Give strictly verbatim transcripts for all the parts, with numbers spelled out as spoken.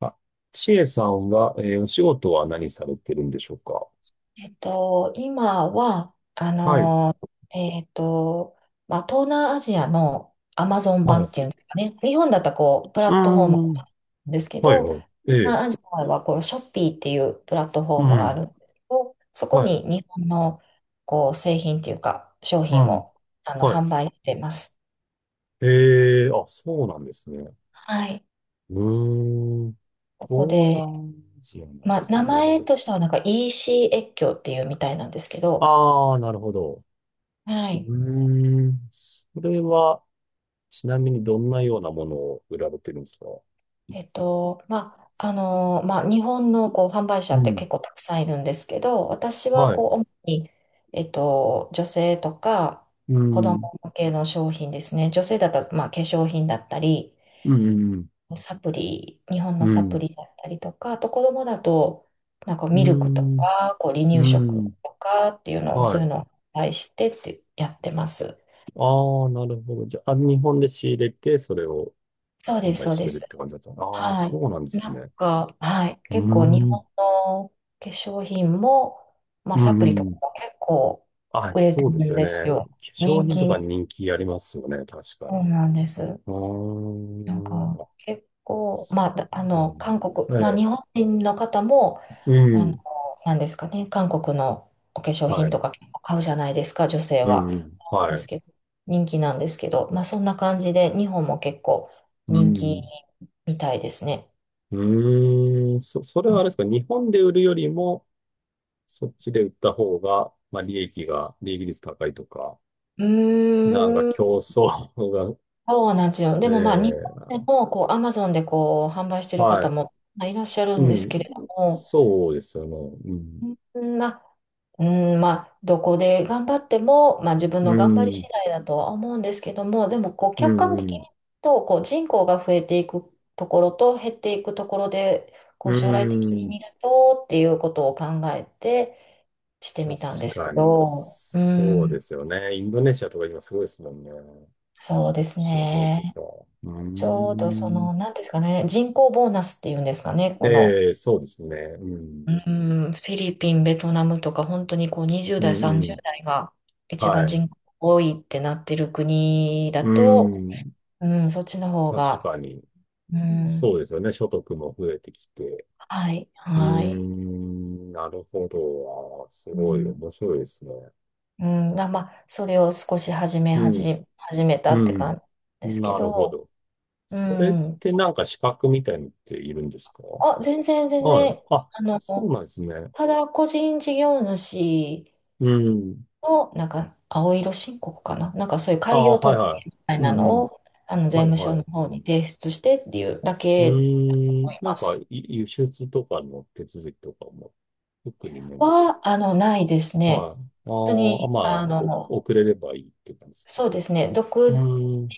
あ、ちえさんは、えーお仕事は何されてるんでしょうか？えっと、今は、あはい。の、えっと、まあ、東南アジアのアマゾンは版い。っうていうんですかね。日本だったらこう、プラーットフォームなん。んですけはい、ど、東はい。ええ。南アジアはこう、ショッピーっていうプラットフォーうムがあん。るんですけど、そこはい。に日本のこう、製品っていうか、商う品ん。をあのはい。販売してます。ええ、あ、そうなんですね。はい。うーん。ここ東で、南アジアなんでまあ、すね。名なる前ほとしてはなんか エーシー 越境っていうみたいなんですけど。ど、ああ、なるほど。はうい。ーん。それは、ちなみにどんなようなものを売られてるんですか？えっと、まあ、あの、まあ、日本のこう販売者うってん。結構たくさんいるんですけど、私ははい。こう、主に、えっと、女性とかう子供ん。向けの商品ですね。女性だったら、まあ、化粧品だったり、うん。サプリ、日本のうサプん。リだったりとか、あと子供だと、なんかうミルクとん。か、こう、離うん。乳う食ん。うんとかっていうのを、そはういうい。のを販売してってやってます。ああ、なるほど。じゃあ、日本で仕入れて、それをそう販です、売そうしでてるっす。て感じだったの。ああ、はそうなんでい。すなんね。か、はい。うー結構日ん。本の化粧品も、まうあサんプリとうかん。も結構あ、売れてそうるですんよですね。化よ。粧人品とか気。人気ありますよね。確かそうに。なんです。うーなんかん。あ、結構、まそあ、だあうなの？の、韓国、まえあえ。日本人の方も、うあの、ん。なんですかね、韓国のお化粧は品とい。か結構買うじゃないですか、女性うんは。うん。ではすい。けど、人気なんですけど、まあそんな感じで日本も結構う人気ん。みたいですね。うーん。そ、それはあれですか？日本で売るよりも、そっちで売った方が、まあ、利益が、利益率高いとか。うなんかーん。競争が。そうなんですよ。でえもまあ、日本え、でもこう、アマゾンでこう、販売してるは方い。もまあいらっしゃるんうですけん。れども、そうですよね。うん。うんまあ、うんまあ、どこで頑張っても、まあ、自分うの頑張り次ん。第だとは思うんですけども、でもこう、う客観的にん。言うと、こう、人口が増えていくところと減っていくところで、こうう、将来的にん。見るとっていうことを考えてして確みたんですけかに、ど、うそうでん、すよね。インドネシアとか今すごいですもんね。こそうっですちの方とね。か。うちょうどそん。の、なんですかね、人口ボーナスっていうんですかね、この、ええ、そうですね。うん。うん、フィリピン、ベトナムとか、本当にこうにじゅうう代、ん。うさんじゅうん。代が一は番い。人口多いってなってる国だうと、ん。うん、そっちの方確が、かに、うん、そうですよね。所得も増えてきて。はい、うーはい。ん。なるほど。あー、すうごいん、面白いですね。うんだまあ、それを少し始め、うん。始始めたうってん。感じですけなるほど、ど。うそれっん、てなんか資格みたいのっているんですか？あ、全然、全はい。然、あ、あその、うなんですね。ただ個人事業主、うん。の、なんか、青色申告かななんかそういうあ開あ、業はい届はみたいい。うなんうのん。を、あの、税はい務署はのい。方に提出してっていうだうけだとー思ん。いなんまか、す。い輸出とかの手続きとかも、特にないんですか？は、あの、ないですね。はい。あ本当ーあ、に、まああ、おの、遅れればいいって感じですか？そうですね。独う自で、ーん。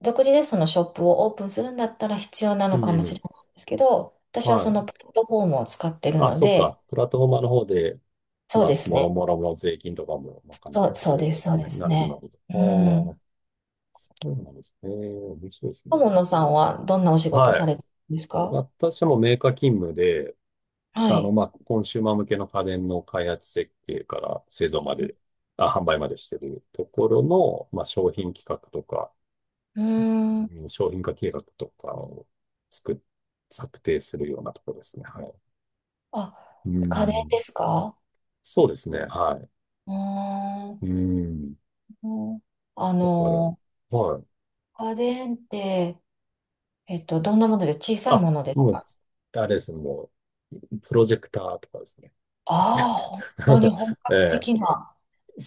独自でそのショップをオープンするんだったら必要なうのんかもうしれん。ないんですけど、私ははそのい。プラットフォームを使ってるあ、のそっで、か。プラットフォーマーの方で、そうまあ、ですもろね。もろの税金とかも賄っそう、てくそうれでたやす、つそうでね。すなるほど、なね。るうん。ほど。そうなんですね。面白いですね。友野さんはどんなお仕事はさい。れてるんですか？私もメーカー勤務で、はあの、い。まあ、コンシューマー向けの家電の開発設計から製造まで、あ、販売までしてるところの、まあ、商品企画とか、うーん。うん、商品化計画とかを作っ、策定するようなところですね。はい。あ、う家電でん。すか？そうですね。はうーい。うん。ん。あだから、の、はい。家電って、えっと、どんなもので小さいあ、ものですもう、か？あれですね。もう、プロジェクターとかですね。違っああ、た。本当に本 え格的え、な。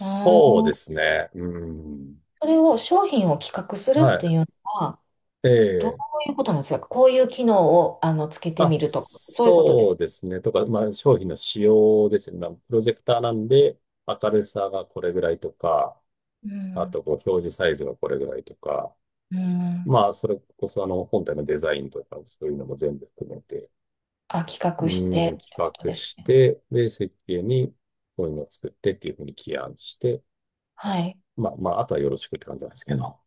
ううーでん。すね。うん。それを、商品を企画するってはいうのは、い。えどうえ。いうことなんですか？こういう機能を、あの、つけてあ、みるとか、そういうことでそすうか？ですね。とか、まあ、商品の仕様ですね。まあ、プロジェクターなんで、明るさがこれぐらいとか、うあん。と、こう、表示サイズがこれぐらいとか、うん。まあ、それこそ、あの、本体のデザインとか、そういうのも全部含めて、あ、企画してうん、っ企てこと画ですしね。て、で、設計に、こういうのを作ってっていうふうに起案して、はい。まあ、まあ、あとはよろしくって感じなんですけど。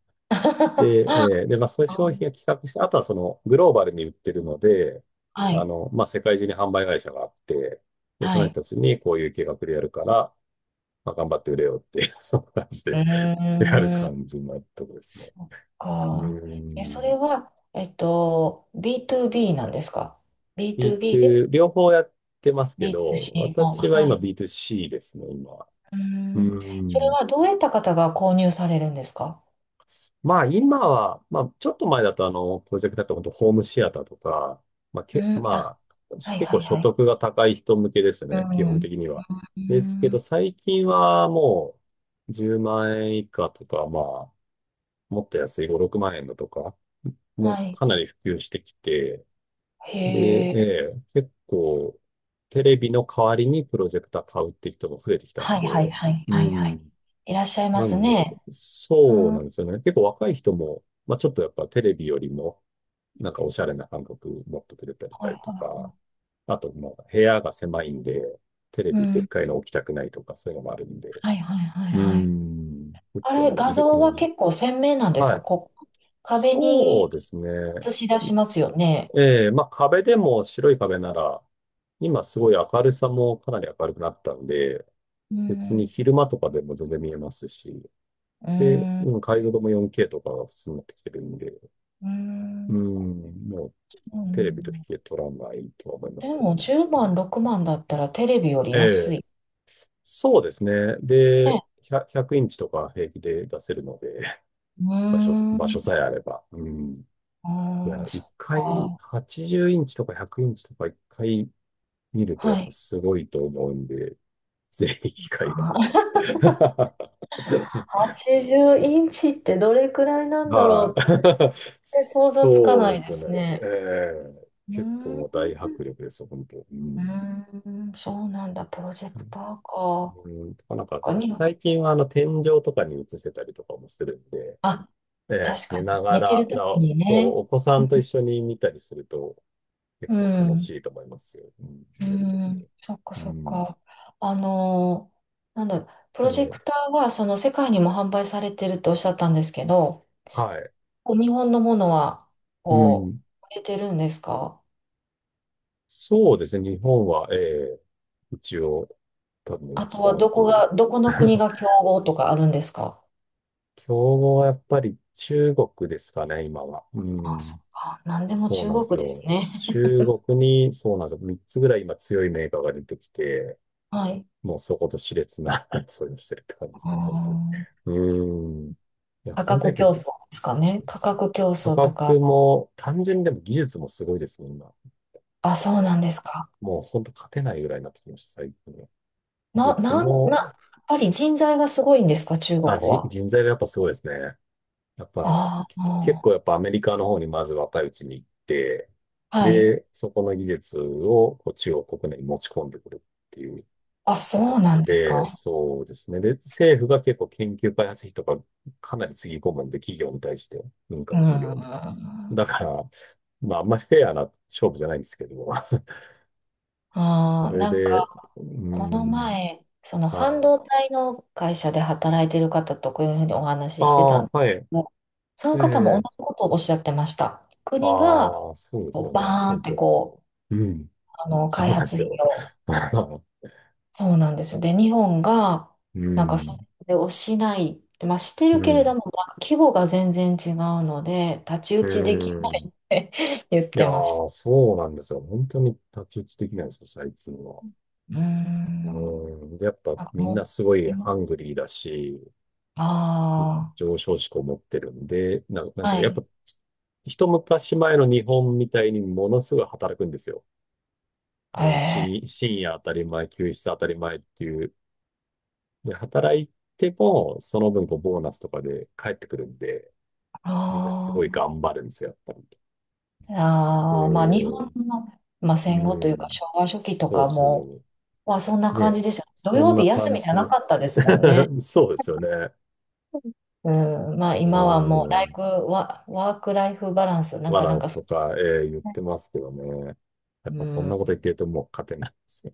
で、えーで、まあ、そういう商品を企画して、あとはその、グローバルに売ってるので、はあい。の、まあ、世界中に販売会社があって、で、そはのい。人たちにこういう計画でやるから、まあ、頑張って売れよっていう そんな感じうで やるーん。感じのとこですね。そっうーか。え、それん。は、えっと、ビーツービー なんですか ?ビーツービー で ビーツー、両方やってますけど、ビーツーシー の。私はは今 い。ビーツーシー ですね、今。うーうーん。それん。はどういった方が購入されるんですか？まあ今は、まあちょっと前だとあの、プロジェクトだと本当ホームシアターとか、まあうけ、ん。あ、まあ、はい結は構い所はい。得が高い人向けですうね、基ん。本う的には。ですけん。ど最近はもうじゅうまん円以下とか、まあ、もっと安いご、ろくまん円のとか、もはうい。かなり普及してきて、で、へええ。え結構テレビの代わりにプロジェクター買うって人も増えてきたはんいはいで、はいうはいはい。ん。いらっしゃいまなすんで、ね。うそうん。はなんですよね。結構若い人も、まあちょっとやっぱテレビよりも、なんかおしゃれな感覚持ってくれていたりとはか、あと、まあ部屋が狭いんで、テレい。うビでっん。かいの置きたくないとか、そういうのもあるんで。はいはいはいうーはい。ん。結あ構れ、なんか画いる、い像ろはんな。結構鮮明なんですはか？い。こう、壁そにうですね。映し出しますよね。ええ、まあ壁でも白い壁なら、今すごい明るさもかなり明るくなったんで、う別にん、昼間とかでも全然見えますし、うで、ん、うん、解像度も ヨンケー とかが普通になってきてるんで、ううん、ん、もううテレビと比ん。較取らないとは思いまですけどもね。じゅうまん、ろくまんだったらテレビよりえ安え、い。そうですね。で、ね。ひゃく、ひゃくインチとか平気で出せるので、うー 場所、場ん、所うさえあれば。うん。ーいや、ん、そ一っ回、か。はちじゅうインチとかひゃくインチとか一回見るとやっはぱい。すごいと思うんで、ぜひ機会がああーったら。はちじゅうインチってどれくらいなんだろはい。うって、全 然想像つかそうなでいすでよね。すね。ええうー結ん、構大う迫力ですよ、本当。うん。ーん、そうなんだ、プロジェクターか。うん、とかなんか、他に最近はあの天井とかに映せたりとかもするんで、あ、ええ確か寝なに、が寝てるら、とだ、きにそう、ね。お子さんと一緒に見たりするとう結構楽ん。しいと思いますよ。うん、う寝るときん、に。そっかうそっん。か。あのー、なんだ、プロジェえクえ、ターはその世界にも販売されてるとおっしゃったんですけど、はい。こう日本のものはうこん。う、売れてるんですか？そうですね、日本は、ええ一応、多分あと一は番、どうこん。 が、どこの国 が競合とかあるんですか？競合はやっぱり中国ですかね、今は。うあ、そっん。か。なんでもそう中なんです国ですよ。ね。中国に、そうなんですよ。みっつぐらい今強いメーカーが出てきて、はい。もうそこと熾烈な 争いをしてるって感じでうーすね、本当に。ん。うん。いや、価本当や格っぱ競り、争ですかね。価格競価争とか。格も、単純にでも技術もすごいですね、今。あ、そうなんもですか。う、もう本当勝てないぐらいになってきました、最近は。技な、術なん、な、やも、っぱり人材がすごいんですか、中国あ、人は。人材がやっぱすごいですね。やっぱ、ああ、きう結構やん。っぱアメリカの方にまず若いうちに行って、はい。で、そこの技術をこう中国国内に持ち込んでくるっていうあ、そうな形んですで、か。そうですね。で、政府が結構研究開発費とかかなりつぎ込むんで、企業に対して、民う間ん。企業に。あだから、まああんまりフェアな勝負じゃないんですけど、そあ、れなんで、うか、ーこのん、前、そのは半い。導体の会社で働いてる方とこういうふうにおあ話ししてたあ、んではい。すけど、そえの方もえ同じことをおっしゃってました。国がああ、そうでこすようバね。そーンっうそてう。こう、うん。あの、そ開うなんで発す費よ。を、そうなんですよ。で、日本が、うなんかそん。れをしない、まあ、してうるけれどん。も、なんか規模が全然違うので、太刀打うちできないん。って言っいやてましー、た。そうなんですよ。本当に太刀打ち的なんですよ、最近は。うーうん。ん。で、やっぱあ、みんなもすごいう、いなハングリーだし、あ上昇志向持ってるんで、な、なんあ、ていはうか、やっい。ぱ一昔前の日本みたいにものすごい働くんですよ。えもうえ、深、深夜当たり前、休日当たり前っていう。で、働いても、その分こうボーナスとかで帰ってくるんで、あみんなすごいー頑張るんですよ、やっぱり。あー、まあ日で、本の、まあ、戦後とういうかん。昭和初期とそうかも、そまあそんなう。感ね。じですよ。土そん曜な日休感みじゃじなの。かったですもんね。そうですよね。うん、まあう今はもうラーイん。フワ、ワークライフバランス、なんバかなラんンかスそ、とか、えー言ってますけどね。やっうぱそんなん、こと言ってるともう勝てないですね。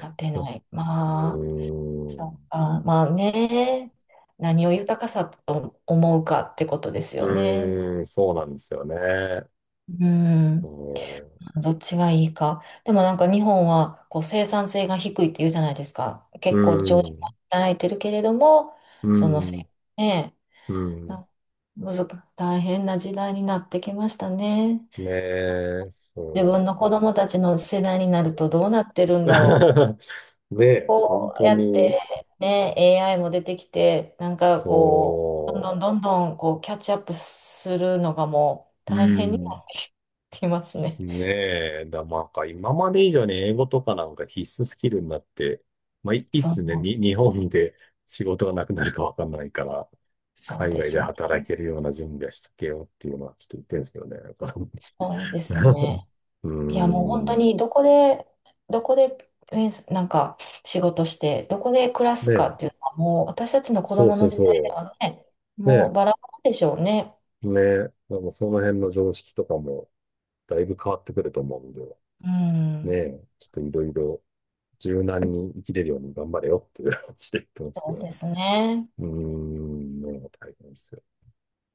なってな い。まあ、うん。うーそん。うか、まあね、何を豊かさと思うかってことですうよね。ーん、そうなんですよね。ううーん。ん。どっちがいいか。でもなんか日本はこう生産性が低いって言うじゃないですか。う結構長時ー間ん。働いてるけれども、うーそのせ、ん。ねうえ、ん、なむずか、大変な時代になってきましたね。ねえ、そう自なん分でのす子よ。供たちの世代になるとどうなってるんだろう。ねえ、本こう当やっに、てね、エーアイ も出てきて、なんかこう、どんそどんどんどんこうキャッチアップするのがもうう。う大変になん。ってきますね。ねえ、だ、まあか今まで以上に英語とかなんか必須スキルになって、まあ、い、いそつね、う、に、日本で仕事がなくなるかわかんないから、そう海で外すでね。働けるような準備はしとけよっていうのはちょっと言ってるんですけどね。なんか。 そうですね。うーいや、もう本当ん。にどこで、どこで、えーなんか仕事して、どこで暮らすかっていうね、のは、もう私たちの子そう供そのう時代でそはね、う。もねうバラバラでしょうね。ねでもその辺の常識とかもだいぶ変わってくると思うんで、うん、ね、ちょっといろいろ柔軟に生きれるように頑張れよっていう話で言ってますけそうどね。ですね。うーん、もう大変ですよね。